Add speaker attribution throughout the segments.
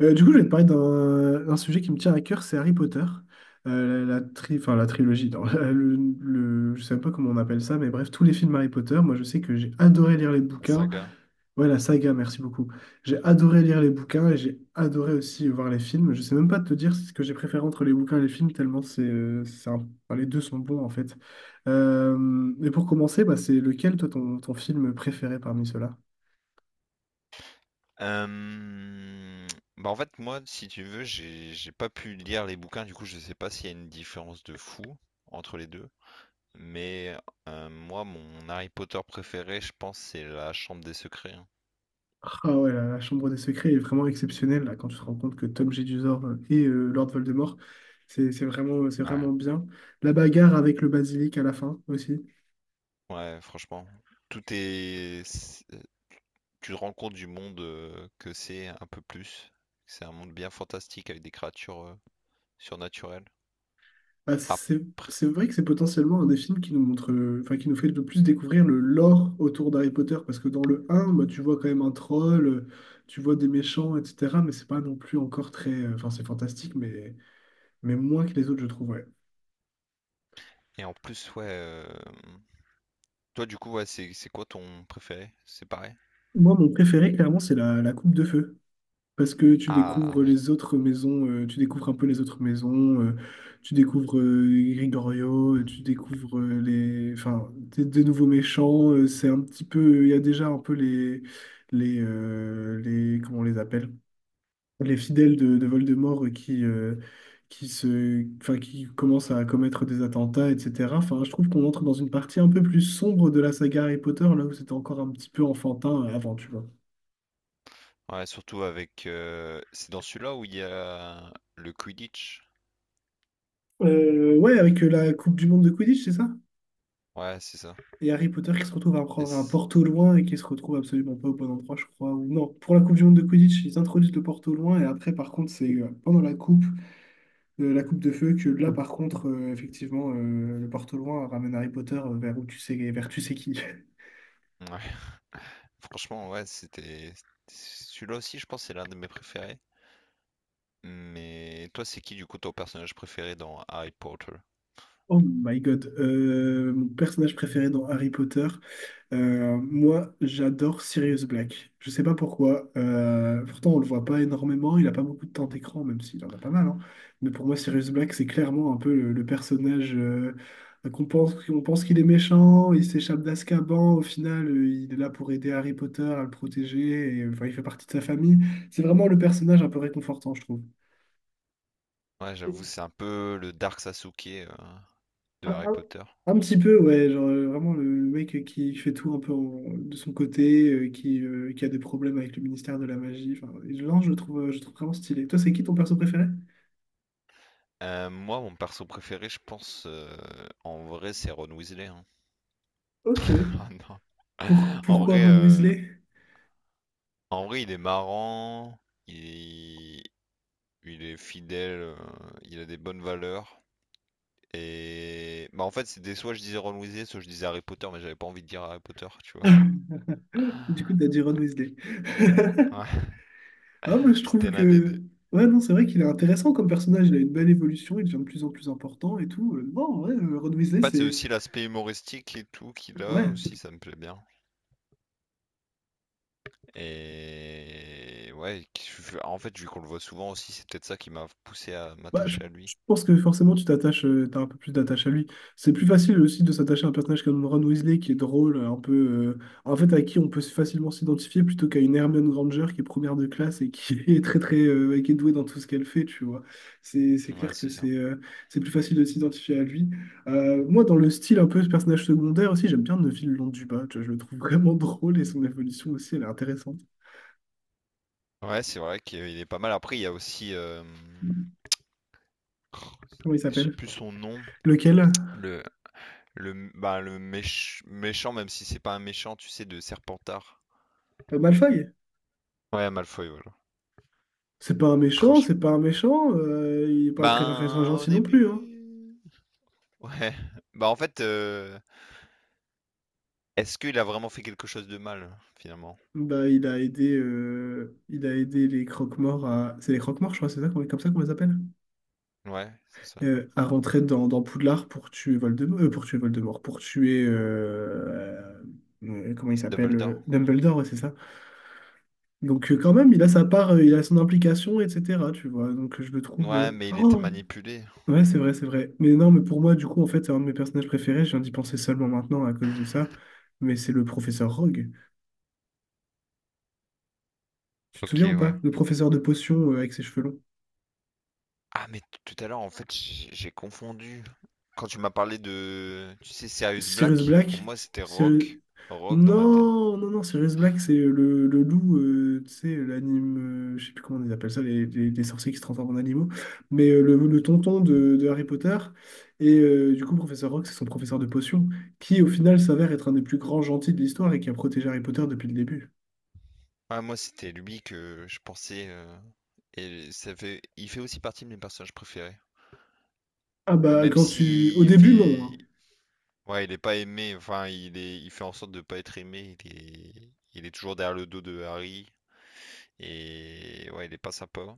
Speaker 1: Je vais te parler d'un sujet qui me tient à cœur, c'est Harry Potter. La trilogie, non, je sais même pas comment on appelle ça, mais bref, tous les films Harry Potter, moi je sais que j'ai adoré lire les
Speaker 2: La
Speaker 1: bouquins.
Speaker 2: saga.
Speaker 1: Ouais, la saga, merci beaucoup. J'ai adoré lire les bouquins et j'ai adoré aussi voir les films. Je sais même pas te dire ce que j'ai préféré entre les bouquins et les films, tellement les deux sont bons en fait. Et pour commencer, bah, c'est lequel, toi, ton film préféré parmi ceux-là?
Speaker 2: Euh, Bah en fait, moi, si tu veux, j'ai pas pu lire les bouquins, du coup, je sais pas s'il y a une différence de fou entre les deux. Mais moi, mon Harry Potter préféré, je pense, c'est la Chambre des Secrets, hein.
Speaker 1: Ah ouais, la Chambre des Secrets est vraiment exceptionnelle là, quand tu te rends compte que Tom Jedusor et Lord Voldemort, c'est vraiment, c'est
Speaker 2: Ouais.
Speaker 1: vraiment bien. La bagarre avec le basilic à la fin aussi.
Speaker 2: Ouais, franchement, tout est. c'est- Tu te rends compte du monde que c'est un peu plus. C'est un monde bien fantastique avec des créatures surnaturelles.
Speaker 1: Bah,
Speaker 2: Ah,
Speaker 1: c'est c'est vrai que c'est potentiellement un des films qui nous montre, enfin qui nous fait le plus découvrir le lore autour d'Harry Potter, parce que dans le un bah, tu vois quand même un troll, tu vois des méchants, etc. Mais c'est pas non plus encore très, enfin c'est fantastique, mais moins que les autres, je trouve, ouais.
Speaker 2: et en plus, ouais. Toi, du coup, ouais, c'est quoi ton préféré? C'est pareil?
Speaker 1: Moi, mon préféré, clairement, c'est la coupe de feu. Parce que tu
Speaker 2: Ah
Speaker 1: découvres
Speaker 2: oui.
Speaker 1: les autres maisons, tu découvres un peu les autres maisons, tu découvres Grigorio, tu découvres des nouveaux méchants. C'est un petit peu, il y a déjà un peu les, comment on les appelle? Les fidèles de Voldemort qui qui commencent à commettre des attentats, etc. Enfin, je trouve qu'on entre dans une partie un peu plus sombre de la saga Harry Potter, là où c'était encore un petit peu enfantin avant, tu vois.
Speaker 2: Ouais, surtout avec. C'est dans celui-là où il y a le Quidditch.
Speaker 1: Ouais, avec la Coupe du Monde de Quidditch, c'est ça?
Speaker 2: Ouais, c'est ça.
Speaker 1: Et Harry Potter qui se retrouve à
Speaker 2: Et
Speaker 1: prendre un
Speaker 2: c'est-
Speaker 1: Porto loin et qui se retrouve absolument pas au bon endroit, je crois. Ou non, pour la Coupe du Monde de Quidditch, ils introduisent le Porto loin et après, par contre, c'est pendant la coupe de feu, que là, par contre, effectivement, le Porto loin ramène Harry Potter vers où tu sais, vers tu sais qui.
Speaker 2: ouais. Franchement, ouais, c'était. Celui-là aussi, je pense, c'est l'un de mes préférés. Mais toi, c'est qui du coup ton personnage préféré dans Harry Potter?
Speaker 1: Oh my God. Mon personnage préféré dans Harry Potter. Moi, j'adore Sirius Black. Je sais pas pourquoi. Pourtant, on le voit pas énormément. Il a pas beaucoup de temps d'écran, même s'il en a pas mal, hein. Mais pour moi, Sirius Black, c'est clairement un peu le personnage qu'on pense qu'il est méchant. Il s'échappe d'Azkaban. Au final, il est là pour aider Harry Potter à le protéger. Et, enfin, il fait partie de sa famille. C'est vraiment le personnage un peu réconfortant, je trouve.
Speaker 2: Ouais, j'avoue, c'est un peu le Dark Sasuke de
Speaker 1: Un,
Speaker 2: Harry
Speaker 1: un-
Speaker 2: Potter.
Speaker 1: un petit peu, ouais, genre vraiment le mec qui fait tout un peu de son côté, qui a des problèmes avec le ministère de la magie. Enfin, et non, je le trouve vraiment stylé. Toi, c'est qui ton perso préféré?
Speaker 2: Moi, mon perso préféré, je pense, en vrai, c'est Ron Weasley, hein.
Speaker 1: Ok.
Speaker 2: Ah non. En
Speaker 1: Pourquoi
Speaker 2: vrai,
Speaker 1: Ron Weasley?
Speaker 2: il est marrant. Il il est fidèle, il a des bonnes valeurs. Et bah en fait c'était soit je disais Ron Weasley, soit je disais Harry Potter, mais j'avais pas envie de dire Harry Potter, tu vois.
Speaker 1: Du coup, t'as dit Ron Weasley.
Speaker 2: Ouais,
Speaker 1: Ah, moi, je trouve
Speaker 2: c'était l'un des
Speaker 1: que.
Speaker 2: deux.
Speaker 1: Ouais, non, c'est vrai qu'il est intéressant comme personnage. Il a une belle évolution, il devient de plus en plus important et tout. Non, ouais, Ron Weasley,
Speaker 2: En fait c'est
Speaker 1: c'est.
Speaker 2: aussi l'aspect humoristique et tout qu'il a
Speaker 1: Ouais.
Speaker 2: aussi, ça me plaît bien. Et ouais, en fait vu qu'on le voit souvent aussi, c'est peut-être ça qui m'a poussé à
Speaker 1: Bah, je,
Speaker 2: m'attacher à lui.
Speaker 1: je pense que forcément tu t'attaches, t'as un peu plus d'attache à lui. C'est plus facile aussi de s'attacher à un personnage comme Ron Weasley qui est drôle, en fait à qui on peut facilement s'identifier plutôt qu'à une Hermione Granger qui est première de classe et qui est très très, et qui est douée dans tout ce qu'elle fait, tu vois. C'est
Speaker 2: Ouais,
Speaker 1: clair que
Speaker 2: c'est ça.
Speaker 1: c'est plus facile de s'identifier à lui. Moi dans le style un peu ce personnage secondaire aussi, j'aime bien Neville Londubat, tu vois, je le trouve vraiment drôle et son évolution aussi elle est intéressante.
Speaker 2: Ouais, c'est vrai qu'il est pas mal. Après il y a aussi,
Speaker 1: Comment il
Speaker 2: je sais
Speaker 1: s'appelle?
Speaker 2: plus son nom,
Speaker 1: Lequel?
Speaker 2: le le, bah, le méch- méchant, même si c'est pas un méchant, tu sais, de Serpentard.
Speaker 1: Malfoy?
Speaker 2: Ouais, Malfoy, voilà.
Speaker 1: C'est pas un méchant, c'est
Speaker 2: Franchement.
Speaker 1: pas un méchant. Il est pas très, très
Speaker 2: Ben, au
Speaker 1: gentil non plus, hein.
Speaker 2: début. Ouais. Bah, en fait, est-ce qu'il a vraiment fait quelque chose de mal, finalement?
Speaker 1: Bah, il a aidé les croque-morts à. C'est les croque-morts, je crois, c'est ça, comme ça qu'on les appelle?
Speaker 2: Ouais, c'est ça.
Speaker 1: À rentrer dans Poudlard pour tuer Voldemort. Pour tuer Voldemort, pour tuer. Comment il s'appelle?
Speaker 2: Dumbledore.
Speaker 1: Dumbledore, ouais, c'est ça. Donc, quand même, il a sa part, il a son implication, etc. Tu vois, donc je le trouve.
Speaker 2: Ouais, mais il était
Speaker 1: Oh
Speaker 2: manipulé.
Speaker 1: Ouais, c'est vrai, c'est vrai. Mais non, mais pour moi, du coup, en fait, c'est un de mes personnages préférés. Je viens d'y penser seulement maintenant à cause de ça. Mais c'est le professeur Rogue. Tu te
Speaker 2: Ok,
Speaker 1: souviens ou
Speaker 2: ouais.
Speaker 1: pas? Le professeur de potions avec ses cheveux longs.
Speaker 2: Ah, mais tout à l'heure, en fait, j'ai confondu. Quand tu m'as parlé de, tu sais, Sirius
Speaker 1: Sirius
Speaker 2: Black, pour
Speaker 1: Black?
Speaker 2: moi, c'était
Speaker 1: Sirius...
Speaker 2: Rock. Rock dans ma tête.
Speaker 1: Non, non, non, Sirius Black, c'est le loup, tu sais, l'anime. Je sais plus comment ils appellent ça, les sorciers qui se transforment en animaux. Mais le tonton de Harry Potter. Et du coup, professeur Rogue, c'est son professeur de potions, qui au final s'avère être un des plus grands gentils de l'histoire et qui a protégé Harry Potter depuis le début.
Speaker 2: Ah, moi, c'était lui que je pensais. Et ça fait, il fait aussi partie de mes personnages préférés.
Speaker 1: Ah bah
Speaker 2: Même
Speaker 1: quand tu... Au
Speaker 2: s'il
Speaker 1: début, non,
Speaker 2: fait.
Speaker 1: hein.
Speaker 2: Ouais, il est pas aimé. Enfin, il est, il fait en sorte de pas être aimé. Il est toujours derrière le dos de Harry. Et ouais, il est pas sympa.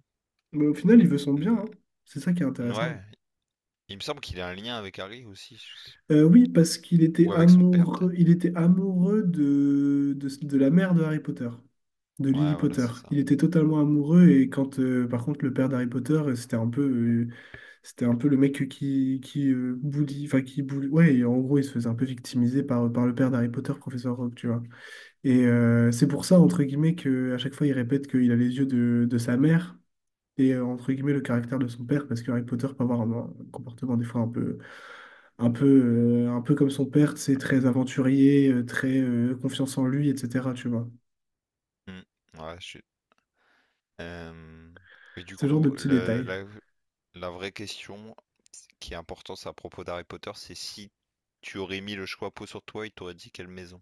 Speaker 1: Mais au final, il veut son bien,
Speaker 2: Hmm.
Speaker 1: hein. C'est ça qui est intéressant.
Speaker 2: Ouais, il me semble qu'il a un lien avec Harry aussi, je sais plus.
Speaker 1: Oui, parce qu'il était
Speaker 2: Ou avec son père,
Speaker 1: amoureux,
Speaker 2: peut-être.
Speaker 1: il était amoureux de... de la mère de Harry Potter, de
Speaker 2: Ouais,
Speaker 1: Lily
Speaker 2: voilà,
Speaker 1: Potter.
Speaker 2: c'est ça.
Speaker 1: Il était totalement amoureux et quand, par contre, le père d'Harry Potter, c'était un peu le mec qui ouais, et en gros, il se faisait un peu victimiser par le père d'Harry Potter, professeur Rogue, tu vois. Et c'est pour ça, entre guillemets, que à chaque fois, il répète qu'il a les yeux de sa mère. Et entre guillemets le caractère de son père parce que Harry Potter peut avoir un comportement des fois un peu un peu comme son père. C'est très aventurier, très confiance en lui, etc, tu vois,
Speaker 2: Hmm. Ouais, je suis. Euh, Et du
Speaker 1: ce genre de
Speaker 2: coup,
Speaker 1: petits
Speaker 2: le,
Speaker 1: détails.
Speaker 2: la- La vraie question qui est importante à propos d'Harry Potter, c'est si tu aurais mis le choix-peau sur toi, il t'aurait dit quelle maison?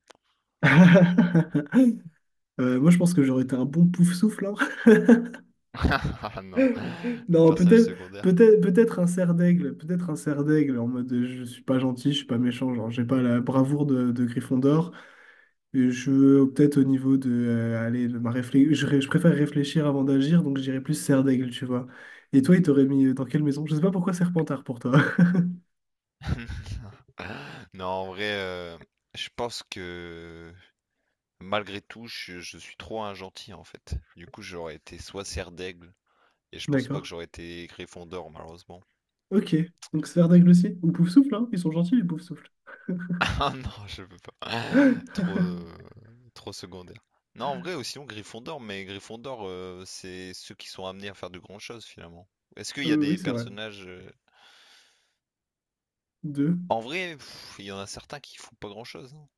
Speaker 1: Moi je pense que j'aurais été un bon pouf souffle.
Speaker 2: Ah non, le
Speaker 1: Non,
Speaker 2: personnage secondaire.
Speaker 1: peut-être un cerf d'aigle, peut-être un cerf d'aigle en mode je suis pas gentil je suis pas méchant, genre j'ai pas la bravoure de Gryffondor. Je Peut-être au niveau de allez, de ma réflexion, je préfère réfléchir avant d'agir, donc j'irais plus serre, tu vois. Et toi, il t'aurait mis dans quelle maison? Je sais pas pourquoi Serpentard pour toi.
Speaker 2: Non, en vrai, je pense que malgré tout, je suis trop un gentil en fait. Du coup, j'aurais été soit Serre d'Aigle, et je pense pas que
Speaker 1: D'accord.
Speaker 2: j'aurais été Gryffondor malheureusement.
Speaker 1: Ok. Donc serre aussi. Ou poufsouffle hein? Ils sont gentils, les poufsouffles.
Speaker 2: Ah non, je peux pas.
Speaker 1: Souffle.
Speaker 2: Trop, trop secondaire. Non, en vrai, aussi sinon Gryffondor, mais Gryffondor, c'est ceux qui sont amenés à faire de grandes choses finalement. Est-ce qu'il
Speaker 1: Oui,
Speaker 2: y a
Speaker 1: oui,
Speaker 2: des
Speaker 1: c'est vrai.
Speaker 2: personnages...
Speaker 1: Deux.
Speaker 2: En vrai, pff, il y en a certains qui font pas grand-chose, hein,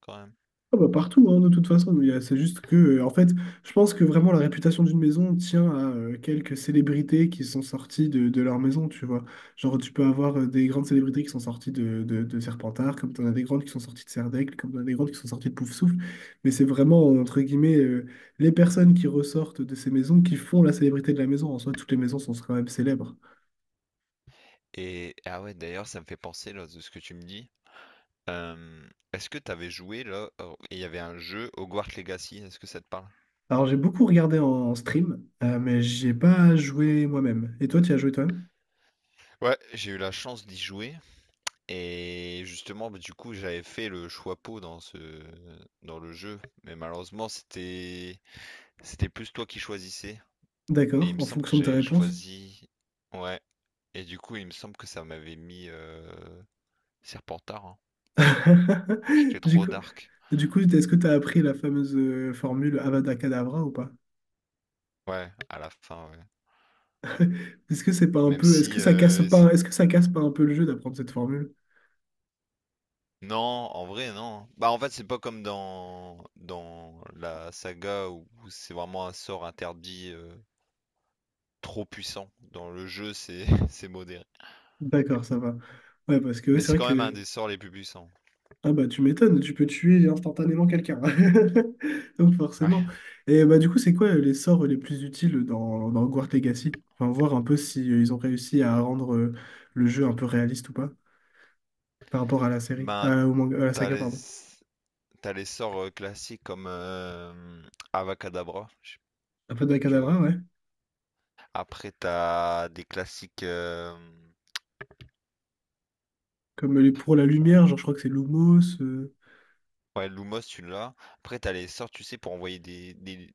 Speaker 2: quand même.
Speaker 1: Ah bah, partout, hein, de toute façon, c'est juste que, en fait, je pense que vraiment la réputation d'une maison tient à quelques célébrités qui sont sorties de leur maison, tu vois. Genre, tu peux avoir des grandes célébrités qui sont sorties de Serpentard, comme tu en as des grandes qui sont sorties de Serdaigle, comme tu as des grandes qui sont sorties de Pouf-Souffle, mais c'est vraiment, entre guillemets, les personnes qui ressortent de ces maisons qui font la célébrité de la maison. En soi, toutes les maisons sont quand même célèbres.
Speaker 2: Et ah ouais, d'ailleurs, ça me fait penser là de ce que tu me dis. Est-ce que t'avais joué là? Oh, il y avait un jeu Hogwarts Legacy. Est-ce que ça te parle?
Speaker 1: Alors, j'ai beaucoup regardé en stream, mais j'ai pas joué moi-même. Et toi, tu y as joué toi-même?
Speaker 2: Ouais, j'ai eu la chance d'y jouer et justement, bah, du coup, j'avais fait le choix peau dans le jeu, mais malheureusement, c'était plus toi qui choisissais. Et il
Speaker 1: D'accord,
Speaker 2: me
Speaker 1: en
Speaker 2: semble que
Speaker 1: fonction de ta
Speaker 2: j'avais
Speaker 1: réponse.
Speaker 2: choisi. Ouais. Et du coup, il me semble que ça m'avait mis Serpentard, hein. J'étais
Speaker 1: Du
Speaker 2: trop
Speaker 1: coup,
Speaker 2: dark.
Speaker 1: du coup, est-ce que tu as appris la fameuse formule Avada Kedavra ou pas?
Speaker 2: Ouais, à la fin, ouais.
Speaker 1: Est-ce que c'est pas un
Speaker 2: Même
Speaker 1: peu,
Speaker 2: si
Speaker 1: est-ce que ça casse pas un peu le jeu d'apprendre cette formule?
Speaker 2: Non, en vrai, non. Bah, en fait, c'est pas comme dans la saga où, c'est vraiment un sort interdit trop puissant. Dans le jeu, c'est c'est modéré.
Speaker 1: D'accord, ça va. Ouais, parce que ouais,
Speaker 2: Mais
Speaker 1: c'est
Speaker 2: c'est
Speaker 1: vrai
Speaker 2: quand même un
Speaker 1: que
Speaker 2: des sorts les plus puissants.
Speaker 1: ah bah tu m'étonnes, tu peux tuer instantanément quelqu'un. Donc forcément.
Speaker 2: Ouais.
Speaker 1: Et bah du coup, c'est quoi les sorts les plus utiles dans Hogwarts Legacy? Enfin, voir un peu si ils ont réussi à rendre le jeu un peu réaliste ou pas par rapport à la série,
Speaker 2: Ben,
Speaker 1: à la
Speaker 2: t'as
Speaker 1: saga,
Speaker 2: les,
Speaker 1: pardon.
Speaker 2: t'as les sorts classiques comme Avacadabra, je sais pas
Speaker 1: Avada
Speaker 2: si tu vois.
Speaker 1: Kedavra,
Speaker 2: Après, t'as des classiques.
Speaker 1: pour la
Speaker 2: Purée.
Speaker 1: lumière, genre je crois que c'est Lumos.
Speaker 2: Ouais, Lumos, tu l'as. Après, t'as les sorts, tu sais, pour envoyer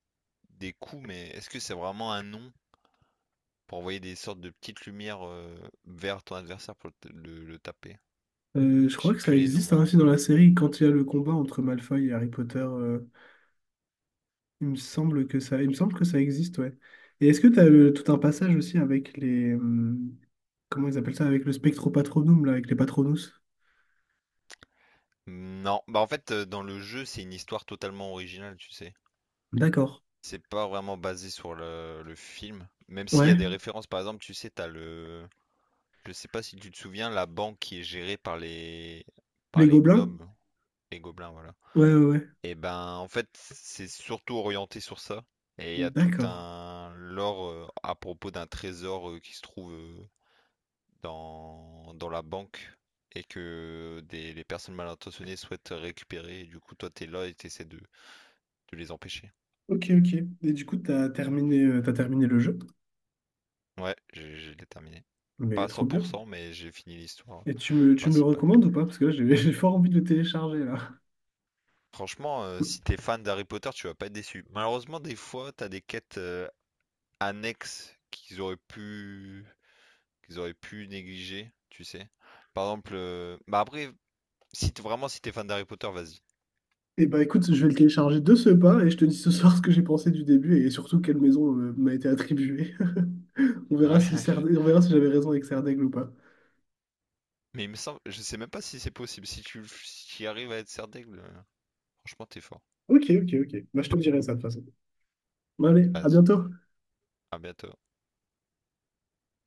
Speaker 2: des coups, mais est-ce que c'est vraiment un nom? Pour envoyer des sortes de petites lumières vers ton adversaire pour le taper.
Speaker 1: Je crois
Speaker 2: Je sais
Speaker 1: que
Speaker 2: plus
Speaker 1: ça
Speaker 2: les noms,
Speaker 1: existe hein,
Speaker 2: hein.
Speaker 1: aussi dans la série quand il y a le combat entre Malfoy et Harry Potter. Il me semble que ça, il me semble que ça existe, ouais. Et est-ce que tu as tout un passage aussi avec les, comment ils appellent ça, avec le Spectropatronum là, avec les Patronus?
Speaker 2: Non, bah en fait, dans le jeu, c'est une histoire totalement originale, tu sais.
Speaker 1: D'accord.
Speaker 2: C'est pas vraiment basé sur le film. Même s'il y a
Speaker 1: Ouais.
Speaker 2: des références, par exemple, tu sais, t'as le. Je sais pas si tu te souviens, la banque qui est gérée par les. Par
Speaker 1: Les
Speaker 2: les
Speaker 1: gobelins?
Speaker 2: gnomes, les gobelins, voilà.
Speaker 1: Ouais, ouais, ouais.
Speaker 2: Et ben, en fait, c'est surtout orienté sur ça. Et il y a tout
Speaker 1: D'accord.
Speaker 2: un lore à propos d'un trésor qui se trouve dans la banque et que les personnes mal intentionnées souhaitent récupérer. Et du coup, toi, t'es là et t'essaies de les empêcher.
Speaker 1: Ok, ok. Et du coup, t'as terminé le jeu?
Speaker 2: Ouais, je l'ai terminé. Pas
Speaker 1: Mais
Speaker 2: à
Speaker 1: trop bien.
Speaker 2: 100%, mais j'ai fini l'histoire
Speaker 1: Et tu me le
Speaker 2: principale.
Speaker 1: recommandes ou pas? Parce que là, j'ai j'ai fort envie de le télécharger là.
Speaker 2: Franchement, si t'es fan d'Harry Potter, tu vas pas être déçu. Malheureusement, des fois, t'as des quêtes annexes qu'ils auraient pu négliger, tu sais. Par exemple, bah après, si vraiment si t'es fan d'Harry Potter, vas-y.
Speaker 1: Eh bah écoute, je vais le télécharger de ce pas et je te dis ce soir ce que j'ai pensé du début et surtout quelle maison m'a été attribuée.
Speaker 2: Ouais, je-
Speaker 1: On verra si j'avais raison avec Serdaigle ou pas.
Speaker 2: Mais il me semble, je sais même pas si c'est possible. Si tu, si tu arrives à être serre d'aigle, franchement, t'es fort.
Speaker 1: Ok, ok, ok. Bah je te dirai ça de toute façon. Bah allez, à
Speaker 2: Vas-y,
Speaker 1: bientôt.
Speaker 2: à bientôt.